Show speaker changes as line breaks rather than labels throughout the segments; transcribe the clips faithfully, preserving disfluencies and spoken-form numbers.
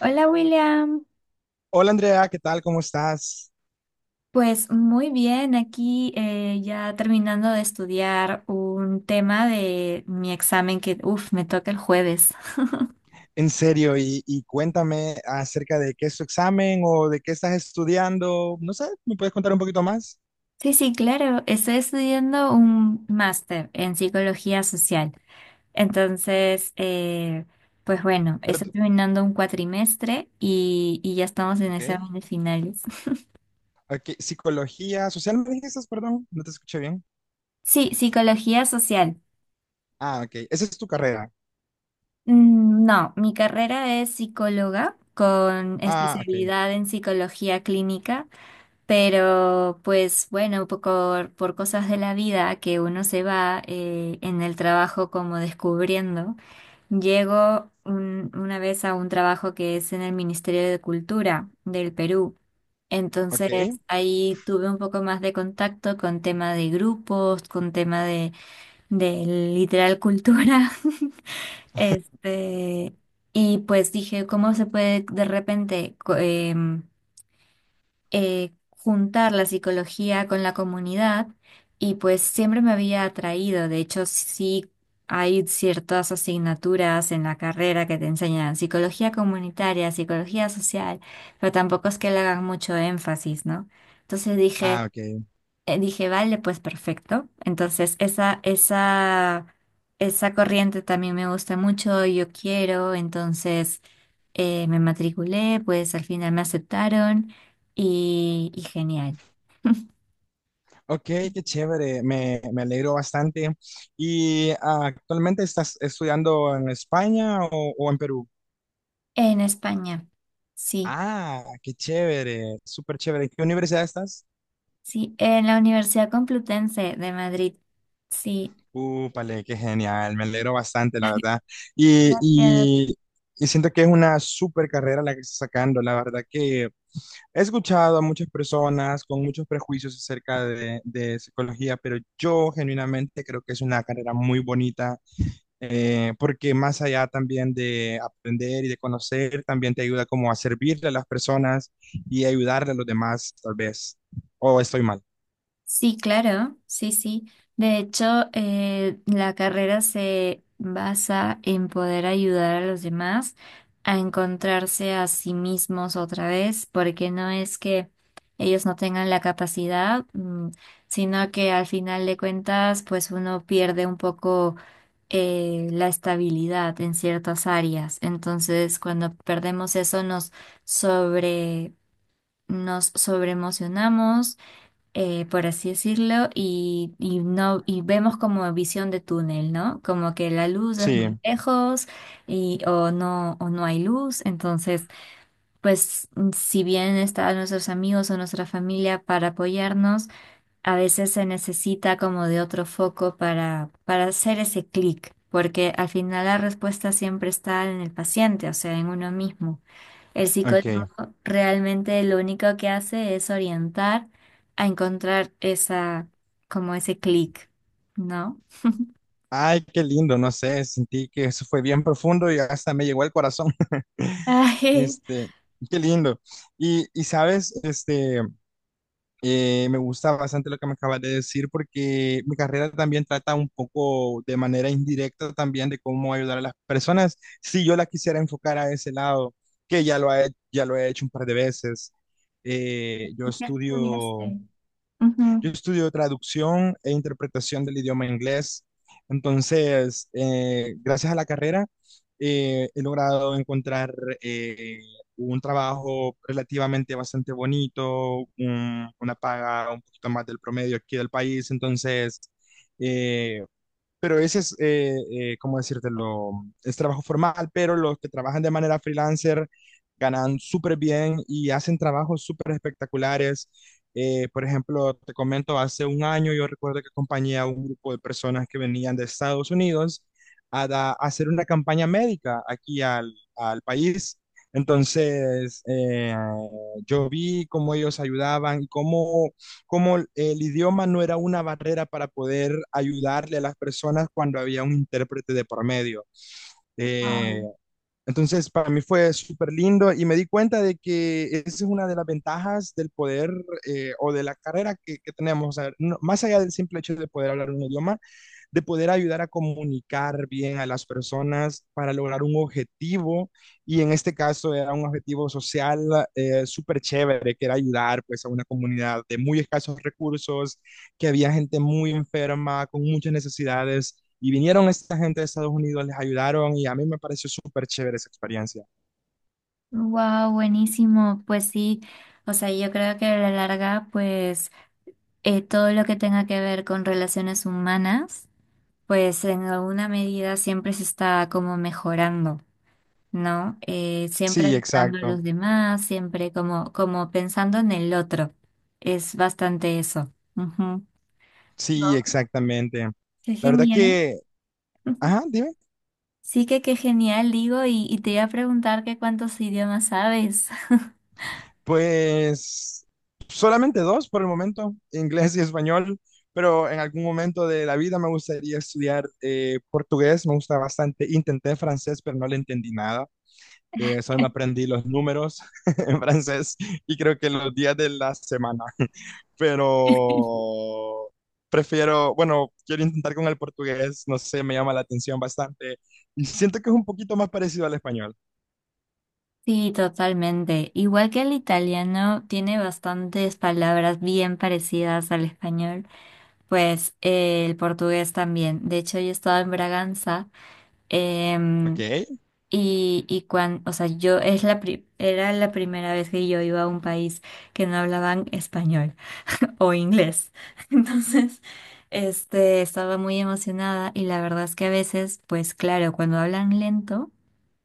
Hola William.
Hola Andrea, ¿qué tal? ¿Cómo estás?
Pues muy bien, aquí eh, ya terminando de estudiar un tema de mi examen que, uff, me toca el jueves.
En serio, y, y cuéntame acerca de qué es tu examen o de qué estás estudiando. No sé, ¿me puedes contar un poquito más?
Sí, sí, claro, estoy estudiando un máster en psicología social. Entonces, eh, pues bueno, estoy
Perdón,
terminando un cuatrimestre y, y ya estamos en
ok.
exámenes finales.
Ok, psicología social, ¿me dijiste? Perdón, no te escuché bien.
Sí, psicología social.
Ah, ok, esa es tu carrera.
Mm, no, mi carrera es psicóloga con
Ah, ok,
especialidad en psicología clínica, pero pues bueno, por, por cosas de la vida que uno se va eh, en el trabajo como descubriendo, llego un- una vez a un trabajo que es en el Ministerio de Cultura del Perú. Entonces
ok.
ahí tuve un poco más de contacto con tema de grupos, con tema de, de literal cultura. Este, y pues dije, ¿cómo se puede de repente co- em, eh, juntar la psicología con la comunidad? Y pues siempre me había atraído, de hecho sí hay ciertas asignaturas en la carrera que te enseñan psicología comunitaria, psicología social, pero tampoco es que le hagan mucho énfasis, ¿no? Entonces dije,
Ah, ok.
eh, dije, vale, pues perfecto. Entonces, esa, esa, esa corriente también me gusta mucho, yo quiero. Entonces, eh, me matriculé, pues al final me aceptaron y, y genial.
Ok, qué chévere, me, me alegro bastante. ¿Y ah, actualmente estás estudiando en España o, o en Perú?
En España, sí,
Ah, qué chévere, súper chévere. ¿En qué universidad estás?
sí, en la Universidad Complutense de Madrid, sí.
Úpale, qué genial, me alegro bastante, la verdad. Y,
Gracias.
y, y siento que es una súper carrera la que está sacando, la verdad que he escuchado a muchas personas con muchos prejuicios acerca de, de psicología, pero yo genuinamente creo que es una carrera muy bonita, eh, porque más allá también de aprender y de conocer, también te ayuda como a servirle a las personas y ayudarle a los demás, tal vez. ¿O estoy mal?
Sí, claro, sí, sí. De hecho, eh, la carrera se basa en poder ayudar a los demás a encontrarse a sí mismos otra vez, porque no es que ellos no tengan la capacidad, mm, sino que al final de cuentas, pues uno pierde un poco eh, la estabilidad en ciertas áreas. Entonces, cuando perdemos eso, nos sobre, nos sobreemocionamos, eh, por así decirlo, y, y no, y vemos como visión de túnel, ¿no? Como que la luz es muy
Sí,
lejos y, o no, o no hay luz. Entonces, pues, mm, si bien están nuestros amigos o nuestra familia para apoyarnos, a veces se necesita como de otro foco para, para hacer ese clic, porque al final la respuesta siempre está en el paciente, o sea, en uno mismo. El psicólogo
ok.
realmente lo único que hace es orientar a encontrar esa, como ese clic, ¿no?
Ay, qué lindo, no sé, sentí que eso fue bien profundo y hasta me llegó al corazón.
Ay,
Este, qué lindo. Y, y sabes, este, eh, me gusta bastante lo que me acabas de decir porque mi carrera también trata un poco de manera indirecta también de cómo ayudar a las personas. Si yo la quisiera enfocar a ese lado, que ya lo he, ya lo he hecho un par de veces. Eh, yo
¿y qué
estudio
estudiaste?
yo
Ujú.
estudio traducción e interpretación del idioma inglés. Entonces, eh, gracias a la carrera, eh, he logrado encontrar eh, un trabajo relativamente bastante bonito, un- una paga un poquito más del promedio aquí del país. Entonces, eh, pero ese es, eh, eh, ¿cómo decírtelo? Es trabajo formal, pero los que trabajan de manera freelancer ganan súper bien y hacen trabajos súper espectaculares. Eh, por ejemplo, te comento, hace un año yo recuerdo que acompañé a un grupo de personas que venían de Estados Unidos a, da- a hacer una campaña médica aquí al, al país. Entonces, eh, yo vi cómo ellos ayudaban y cómo cómo el idioma no era una barrera para poder ayudarle a las personas cuando había un intérprete de por medio. Eh,
Wow.
entonces, para mí fue súper lindo y me di cuenta de que esa es una de las ventajas del poder eh, o de la carrera que, que tenemos. O sea, no, más allá del simple hecho de poder hablar un idioma, de poder ayudar a comunicar bien a las personas para lograr un objetivo. Y en este caso era un objetivo social, eh, súper chévere, que era ayudar pues a una comunidad de muy escasos recursos, que había gente muy enferma, con muchas necesidades. Y vinieron esta gente de Estados Unidos, les ayudaron y a mí me pareció súper chévere esa experiencia.
Wow, buenísimo. Pues sí, o sea, yo creo que a la larga, pues eh, todo lo que tenga que ver con relaciones humanas, pues en alguna medida siempre se está como mejorando, ¿no? Eh, siempre
Sí,
ayudando a
exacto.
los demás, siempre como, como pensando en el otro. Es bastante eso. Ujú.
Sí, exactamente. La
Qué
verdad
genial.
que,
Ujú.
ajá, dime.
Sí, que qué genial, digo, y, y te iba a preguntar que cuántos idiomas sabes.
Pues solamente dos por el momento, inglés y español, pero en algún momento de la vida me gustaría estudiar eh, portugués, me gusta bastante. Intenté francés, pero no le entendí nada. Eh, solo me aprendí los números en francés y creo que los días de la semana, pero prefiero, bueno, quiero intentar con el portugués, no sé, me llama la atención bastante y siento que es un poquito más parecido al español,
Sí, totalmente. Igual que el italiano, tiene bastantes palabras bien parecidas al español, pues eh, el portugués también. De hecho, yo estaba en Braganza.
¿ok?
em, Y, y cuando, o sea, yo es la pri- era la primera vez que yo iba a un país que no hablaban español o inglés. Entonces, este, estaba muy emocionada y la verdad es que a veces, pues claro, cuando hablan lento,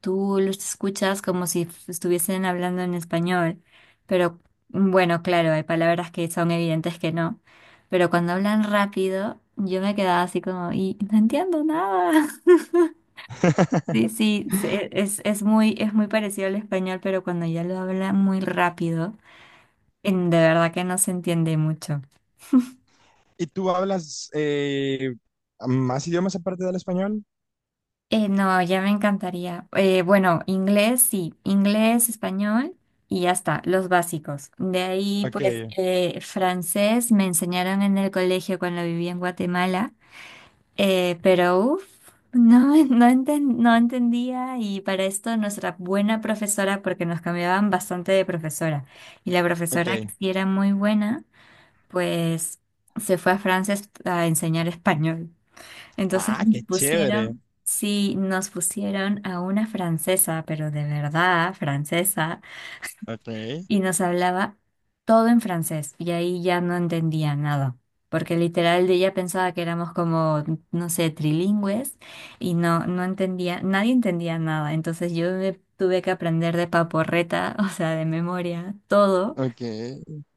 tú los escuchas como si f- estuviesen hablando en español. Pero, mm, bueno, claro, hay palabras que son evidentes que no. Pero cuando hablan rápido, yo me quedaba así como, y no entiendo nada. Sí, sí, se- es, es muy, es muy parecido al español, pero cuando ya lo habla muy rápido, en- de verdad que no se entiende mucho.
¿Y tú hablas eh, más idiomas aparte del español?
Eh, no, ya me encantaría. Eh, bueno, inglés, sí, inglés, español y ya está, los básicos. De ahí,
Ok,
pues, eh, francés me enseñaron en el colegio cuando viví en Guatemala. Eh, pero uff, no, no, enten- no entendía y para esto nuestra buena profesora, porque nos cambiaban bastante de profesora, y la profesora que
ok.
sí era muy buena, pues se fue a Francia est- a enseñar español. Entonces
Ah,
nos
qué chévere.
pusieron, sí, nos pusieron a una francesa, pero de verdad, francesa,
Ok,
y nos hablaba todo en francés y ahí ya no entendía nada, porque literal ella pensaba que éramos como, no sé, trilingües, y no, no entendía, nadie entendía nada, entonces yo me tuve que aprender de paporreta, o sea, de memoria, todo.
ok.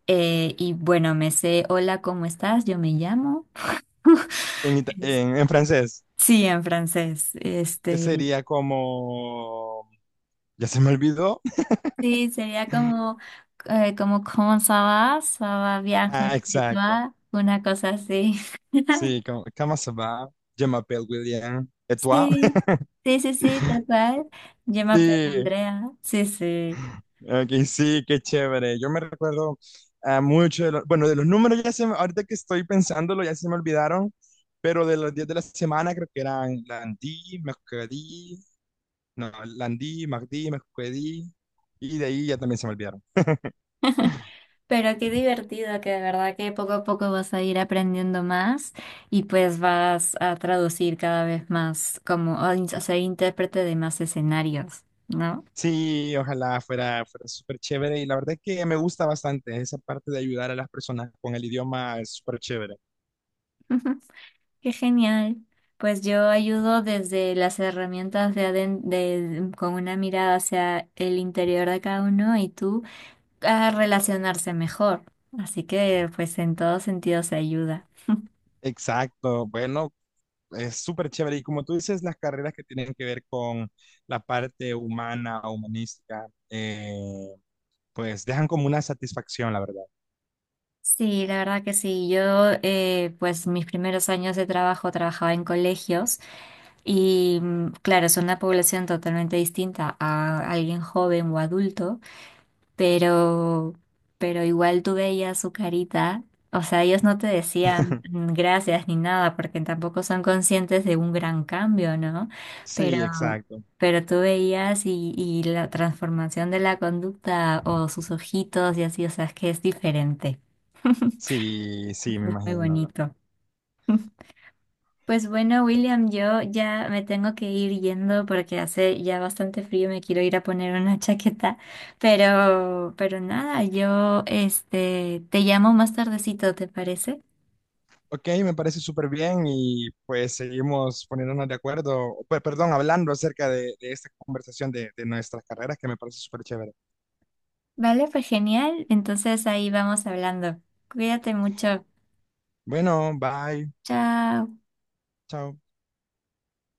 Eh, y bueno, me sé, hola, ¿cómo estás? Yo me llamo.
En, ita-
Es-
en, en francés,
Sí, en francés.
¿qué
Este,
sería como... Ya se me olvidó.
sí, sería como, eh, como, ¿cómo ça va? Ça va bien,
Ah,
chez
exacto.
toi? Una cosa así.
Sí, como, ¿cómo se va? Je m'appelle William. ¿Et toi?
Sí, sí, sí, sí, tal cual. Yo me aprendí
Sí.
Andrea. Sí, sí.
Ok, sí, qué chévere. Yo me recuerdo a mucho de los, bueno, de los números ya se me, ahorita que estoy pensándolo ya se me olvidaron, pero de los días de la semana creo que eran Landí, Mercredí, no, Landí, Mardí, Mercredí, y de ahí ya también se me olvidaron.
Pero qué divertido, que de verdad que poco a poco vas a ir aprendiendo más y pues vas a traducir cada vez más como, o in- o sea, intérprete de más escenarios, ¿no?
Sí, ojalá fuera, fuera súper chévere y la verdad es que me gusta bastante esa parte de ayudar a las personas con el idioma, es súper chévere.
Qué genial. Pues yo ayudo desde las herramientas de, aden- de- con una mirada hacia el interior de cada uno y tú a relacionarse mejor. Así que pues en todo sentido se ayuda.
Exacto, bueno, es súper chévere. Y como tú dices, las carreras que tienen que ver con la parte humana, humanística, eh, pues dejan como una satisfacción, la verdad.
Sí, la verdad que sí. Yo, eh, pues mis primeros años de trabajo trabajaba en colegios y mm, claro, es una población totalmente distinta a alguien joven o adulto, pero, pero igual tú veías su carita. O sea, ellos no te decían mm, gracias ni nada porque tampoco son conscientes de un gran cambio, ¿no? Pero,
Sí, exacto.
pero tú veías y, y la transformación de la conducta o sus ojitos y así, o sea, es que es diferente.
Sí, sí, me
Muy
imagino.
bonito. Pues bueno, William, yo ya me tengo que ir yendo porque hace ya bastante frío, me quiero ir a poner una chaqueta, pero, pero nada, yo este te llamo más tardecito, ¿te parece?
Ok, me parece súper bien y pues seguimos poniéndonos de acuerdo, pe- perdón, hablando acerca de, de esta conversación de, de nuestras carreras que me parece súper chévere.
Vale, pues genial. Entonces ahí vamos hablando. Cuídate mucho.
Bueno, bye,
Chao.
chao.